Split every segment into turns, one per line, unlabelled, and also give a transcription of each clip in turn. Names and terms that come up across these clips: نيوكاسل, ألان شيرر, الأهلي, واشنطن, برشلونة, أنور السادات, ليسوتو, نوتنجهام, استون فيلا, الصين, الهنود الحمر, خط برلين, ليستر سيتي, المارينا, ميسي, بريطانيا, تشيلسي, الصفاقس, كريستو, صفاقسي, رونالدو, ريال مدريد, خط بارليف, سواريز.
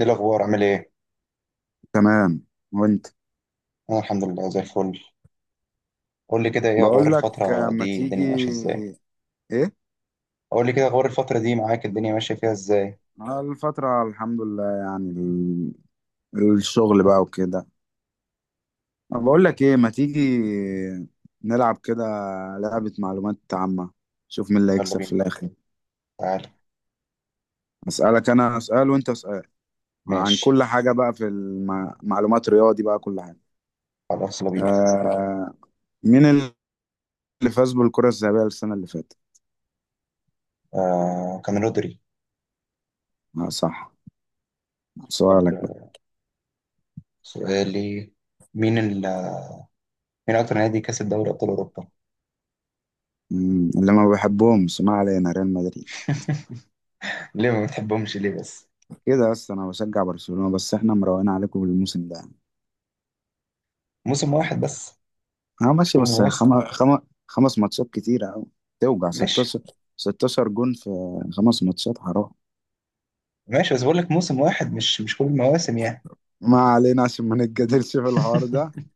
ايه الاخبار؟ عامل ايه؟
تمام. وانت؟
انا الحمد لله زي الفل. قول لي كده، ايه اخبار
بقول لك آه،
الفتره
ما
دي؟
تيجي.
الدنيا ماشيه ازاي؟
ايه؟
قول لي كده اخبار الفتره دي معاك، الدنيا ماشيه فيها ازاي؟
آه، الفترة الحمد لله يعني الشغل بقى وكده. أنا بقول لك ايه، ما تيجي نلعب كده لعبة معلومات عامة، شوف مين اللي
يلا
هيكسب في
بينا.
الاخر.
تعالى.
اسألك انا، اسأل وانت اسأل عن
ماشي.
كل حاجة بقى في المعلومات، رياضي بقى، كل حاجة.
خلاص يلا بينا.
آه، مين اللي فاز بالكرة الذهبية السنة اللي فاتت؟
آه، كان رودري.
آه صح.
طب
سؤالك بقى.
سؤالي. مين ال... مين اكتر نادي كسب دوري ابطال اوروبا؟
اللي ما بحبهم، ما علينا، ريال مدريد.
ليه ما بتحبهمش ليه بس؟
كده بس، انا بشجع برشلونة، بس احنا مروقين عليكم الموسم ده.
موسم واحد بس؟
اه
مش
ماشي
كل
بس
المواسم.
خمس ماتشات كتيرة أوي. توجع
ماشي.
16. 16 جون في خمس ماتشات، حرام.
ماشي بس بقول لك موسم واحد، مش كل المواسم يعني.
ما علينا عشان ما نتجادلش في الحوار ده.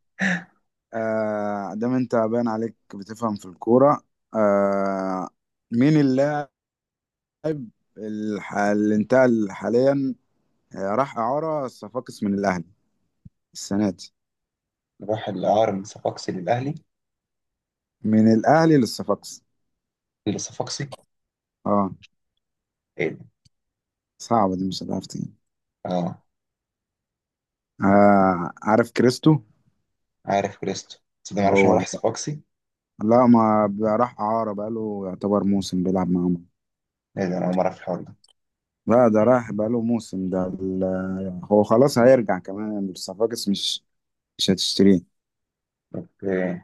آه، دام انت باين عليك بتفهم في الكورة. آه، مين اللاعب اللي انتقل حاليا، آه، راح إعارة الصفاقس من الأهلي السنة دي؟
راح الاعاره من صفاقسي للاهلي.
من الأهلي للصفاقس.
لصفاقسي.
اه.
ايه ده؟
صعبة دي، مش هتعرف تاني.
اه
آه عارف كريستو؟
عارف كريستو. بس ده معرفش إن هو
هو
راح
ده بقى.
صفاقسي.
لا ما بقى، راح إعارة بقاله يعتبر موسم بيلعب معاهم.
ايه ده، انا اول مره في الحوار ده.
لا ده راح بقاله موسم، ده. هو خلاص هيرجع، كمان الصفاقس مش مش هتشتريه.
اوكي.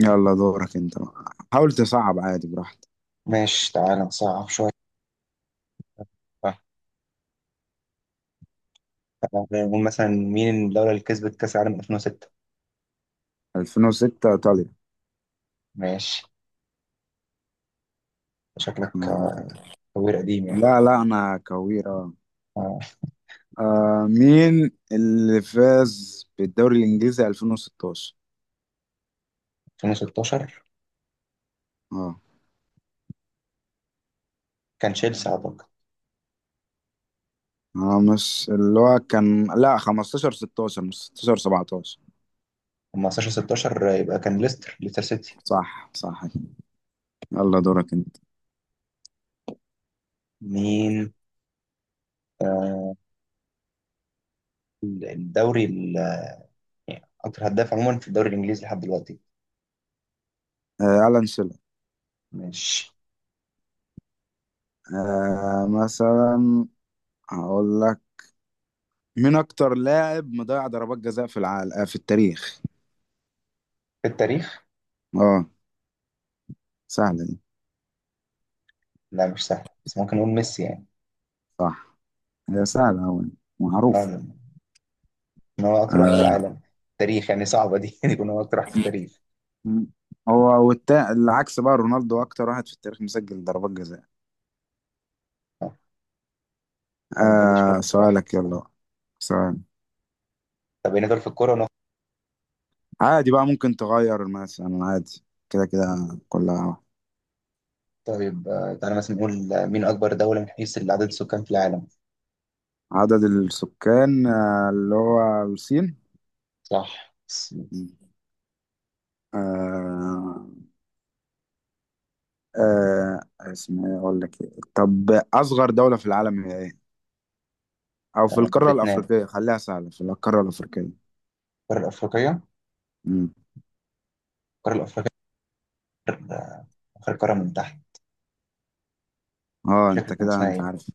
يلا دورك انت بقى. حاول تصعب عادي، براحتك.
ماشي، تعالى نصعب شويه. بقى. تعالى نقول مثلا، مين الدوله اللي كسبت كاس العالم 2006؟
2006 ايطاليا.
ماشي. شكلك
آه.
آه، خبير قديم يعني.
لا لا انا كويرة. آه،
آه،
آه، مين اللي فاز بالدوري الانجليزي 2016؟
2016
اه.
كان تشيلسي اعتقد.
اه مش اللي هو كان، لا 15 16 مش 16 17.
أما 15 16 يبقى كان ليستر سيتي.
صح صح. يلا دورك انت.
مين آه، الدوري ال- يعني اكتر هداف عموما في الدوري الانجليزي لحد دلوقتي؟
آه، ألان شيرر.
ماشي.
آه، مثلا هقول لك، مين أكتر لاعب مضيع ضربات جزاء في العالم، آه، في التاريخ؟
في التاريخ.
اه. سهلة دي.
لا مش سهل، بس ممكن نقول ميسي يعني.
صح، هي سهلة أوي، معروف.
آه، ان هو اكتر واحد في
آه،
العالم. تاريخ يعني، صعبه دي ان يكون هو اكتر واحد في التاريخ.
م- هو العكس بقى، رونالدو أكتر واحد في التاريخ مسجل ضربات جزاء.
آه. ما بتجليش
آه،
منه بصراحه.
سؤالك يلا بقى. سؤال
طب هنا دول في الكوره ونخ...
عادي بقى، ممكن تغير مثلا عادي، كده كده كلها واحد.
طيب تعالى مثلا نقول مين اكبر دوله من حيث عدد السكان في العالم؟
عدد السكان، آه، اللي هو الصين.
صح س-
آه. آه اسمها إيه؟ اقول لك إيه؟ طب اصغر دولة في العالم هي ايه، او في القارة
فيتنام.
الافريقية، خليها سهلة في القارة الافريقية.
القاره الافريقيه.
امم
القاره الافريقيه آخر آخر قاره من تحت.
اه،
مش فاكر
انت
كان
كده
اسمها
انت
ايه.
عارف.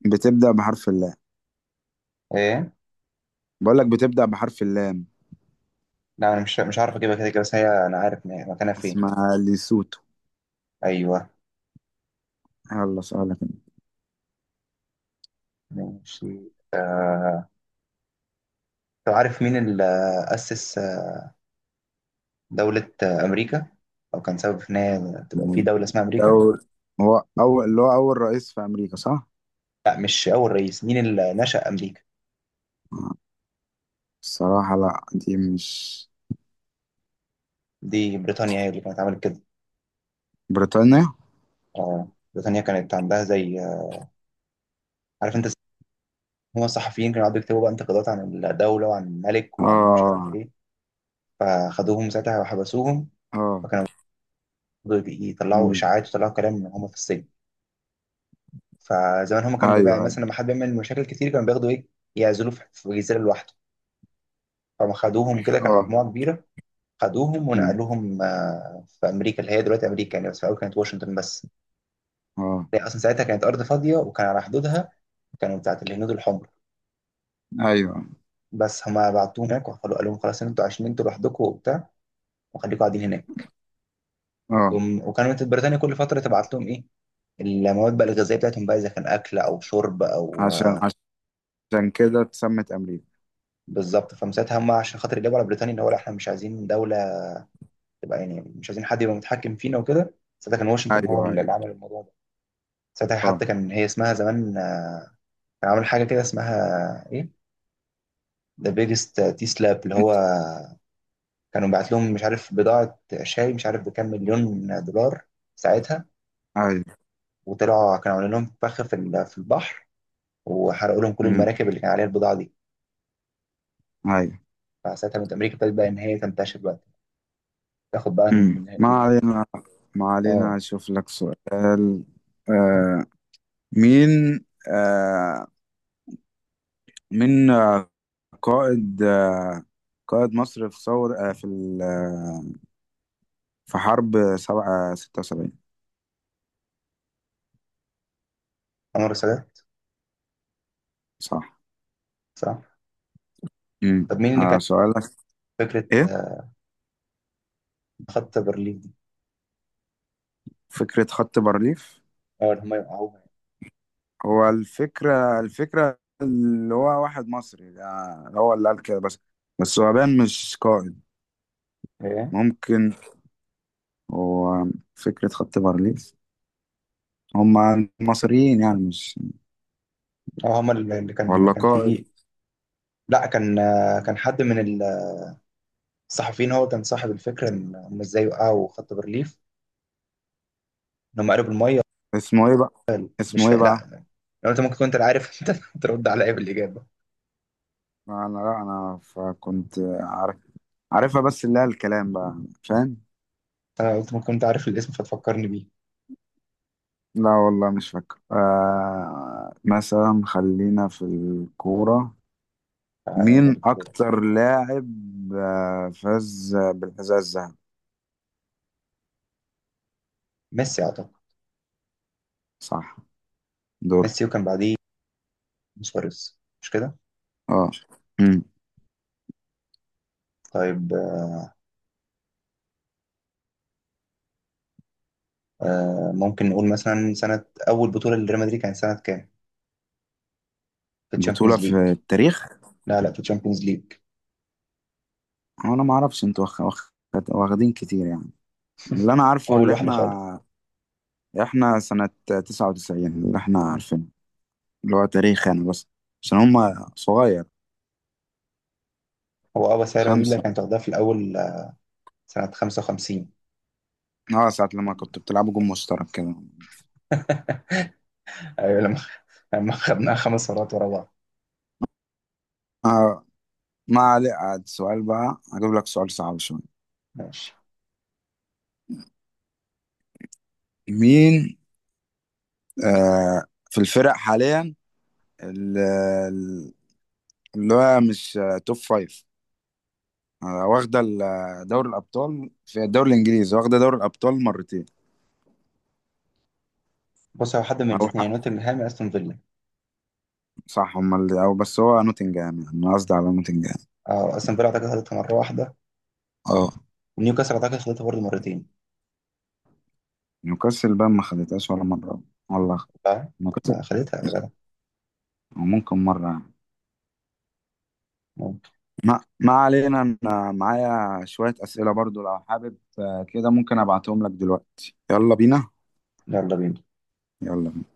بتبدأ بحرف اللام.
ايه.
بقول لك بتبدأ بحرف اللام.
لا انا مش عارف اجيبها، كده كده، بس هي انا عارف إن هي مكانها فين.
اسمها ليسوتو.
ايوه.
يلا سؤالك أنت.
ماشي. آه... طب عارف مين اللي اسس دوله امريكا؟ او كان سبب في ان هي تبقى في دوله اسمها امريكا؟
دول، هو اول، اللي هو اول رئيس في امريكا، صح؟
لا مش أول رئيس، مين اللي نشأ أمريكا.
الصراحة لا، دي مش.
دي بريطانيا هي اللي كانت عملت كده.
بريطانيا.
آه. بريطانيا كانت عندها زي. عارف أنت، هما الصحفيين كانوا قعدوا يكتبوا بقى انتقادات عن الدولة وعن الملك وعن مش عارف
اه.
إيه، فخدوهم ساعتها وحبسوهم.
اه.
فكانوا برضه يطلعوا
امم.
إشاعات ويطلعوا كلام من هما في السجن. فزمان هما كان
ايوه
بيبقى
ايوه.
مثلا لما حد بيعمل مشاكل كتير كانوا بياخدوا إيه، يعزلوه في جزيرة لوحده. فما خدوهم كده كان
اه.
مجموعة كبيرة. خدوهم
امم.
ونقلوهم آه، في أمريكا اللي هي دلوقتي أمريكا يعني، بس في الأول كانت واشنطن بس.
اه.
هي اصلا ساعتها كانت ارض فاضيه، وكان على حدودها كانوا بتاعت الهنود الحمر.
ايوه.
بس هما بعتوه هناك وقالوا، قال لهم خلاص إن انتوا عايشين انتوا لوحدكم وبتاع، وخليكم قاعدين هناك.
اه.
جم وكانت بريطانيا كل فتره تبعت لهم ايه، المواد بقى الغذائيه بتاعتهم بقى، اذا كان اكل او شرب او
عشان،
آه،
عشان كده اتسمت امريكا.
بالظبط، فمساعتها هم عشان خاطر يجيبوا على بريطانيا، اللي هو لا احنا مش عايزين دوله تبقى، يعني مش عايزين حد يبقى متحكم فينا وكده. ساعتها كان واشنطن هو
ايوه ايوه.
اللي عمل الموضوع ده. ساعتها
اه.
حتى كان هي اسمها زمان آه، كان عامل حاجه كده اسمها ايه، ذا بيجست تي سلاب، اللي هو
انت.
كانوا بعت لهم مش عارف بضاعة شاي مش عارف بكام مليون دولار ساعتها،
ايوه.
وطلعوا كانوا عاملين لهم فخ في البحر، وحرقوا لهم كل
امم.
المراكب اللي كان عليها البضاعة دي.
ايوه.
فساعتها من أمريكا ابتدت بقى إن هي تنتشر بقى، تاخد بقى من
امم. ما
اللي هي.
علينا، ما
اه.
علينا اشوف لك سؤال. آه، مين، آه، مين، آه، قائد، آه، قائد مصر في ثور، آه، في حرب 76؟
أنور السادات.
صح.
صح.
امم،
طب مين اللي كان
آه سؤالك.
فكرة
ايه
آه، خط برلين دي؟
فكرة خط بارليف؟
اه اللي هم يوقعوها.
هو الفكرة، الفكرة اللي هو واحد مصري ده هو اللي قال كده، بس بس هو باين مش قائد،
ايه.
ممكن. وفكرة خط بارليف هما المصريين يعني، مش
اه هم اللي كان
ولا
كان
قائد.
فيه. لا كان، كان حد من الصحفيين، هو كان صاحب الفكرة إن هم ازاي وقعوا خط برلين. إن هم قالوا بالمية.
اسمه ايه بقى؟
مش
اسمه
فا...
ايه بقى؟
لا، لو انت ممكن كنت عارف انت ترد عليا بالاجابه.
انا لا، انا فكنت عارف، عارفها بس اللي هي الكلام بقى، فاهم.
انا قلت ممكن كنت عارف الاسم فتفكرني بيه.
لا والله مش فاكر. آه مثلا خلينا في الكورة،
آه. لاعب
مين
الكوره.
أكتر لاعب، آه، فاز بالحذاء الذهبي؟
ميسي اعتقد.
صح. دور.
ميسي، وكان بعديه سواريز مش كده؟
اه. مم.
طيب، ممكن نقول مثلا سنه اول بطوله لريال مدريد كانت سنه كام، في
بطولة
الشامبيونز ليج؟
في التاريخ؟
لا لا، في الشامبيونز ليج.
أنا ما أعرفش، أنتوا واخدين كتير يعني. اللي انا عارفه،
اول
اللي
واحده خالص.
احنا، احنا سنة 99، اللي احنا عارفينه، اللي هو تاريخ يعني، بس عشان هما صغير.
هو اه، بس هي ريال مدريد اللي
خمسة.
كانت واخداها في الاول. سنه 55.
اه، ساعة لما كنت بتلعبوا جون مشترك كده.
ايوه لما خدناها 5 مرات ورا بعض.
آه، ما عليك. عاد سؤال بقى، هجيب لك سؤال صعب شوية.
ماشي.
مين، آه، في الفرق حاليا، ال- ال- اللي هو مش آه، توب فايف، آه، واخدة دوري الأبطال، في الدوري الإنجليزي واخدة دوري الأبطال مرتين؟
بص، هو حد من
أو
الاثنين،
حق،
نوتنجهام يا استون فيلا.
صح، هما اللي أو، بس هو نوتنجهام يعني، أنا قصدي على نوتنجهام.
اه استون فيلا اعتقد خدتها مره واحده.
اه.
ونيوكاسل أعتقد خدتها برضه مرتين.
نيوكاسل بقى ما خدتهاش ولا مرة، والله.
صح؟
نيوكاسل.
ما خدتها يا جدع.
أو ممكن مرة يعني.
ممكن.
ما علينا. أنا معايا شوية أسئلة برضو لو حابب، آه، كده ممكن أبعتهم لك دلوقتي. يلا بينا.
يلا بينا.
يلا بينا.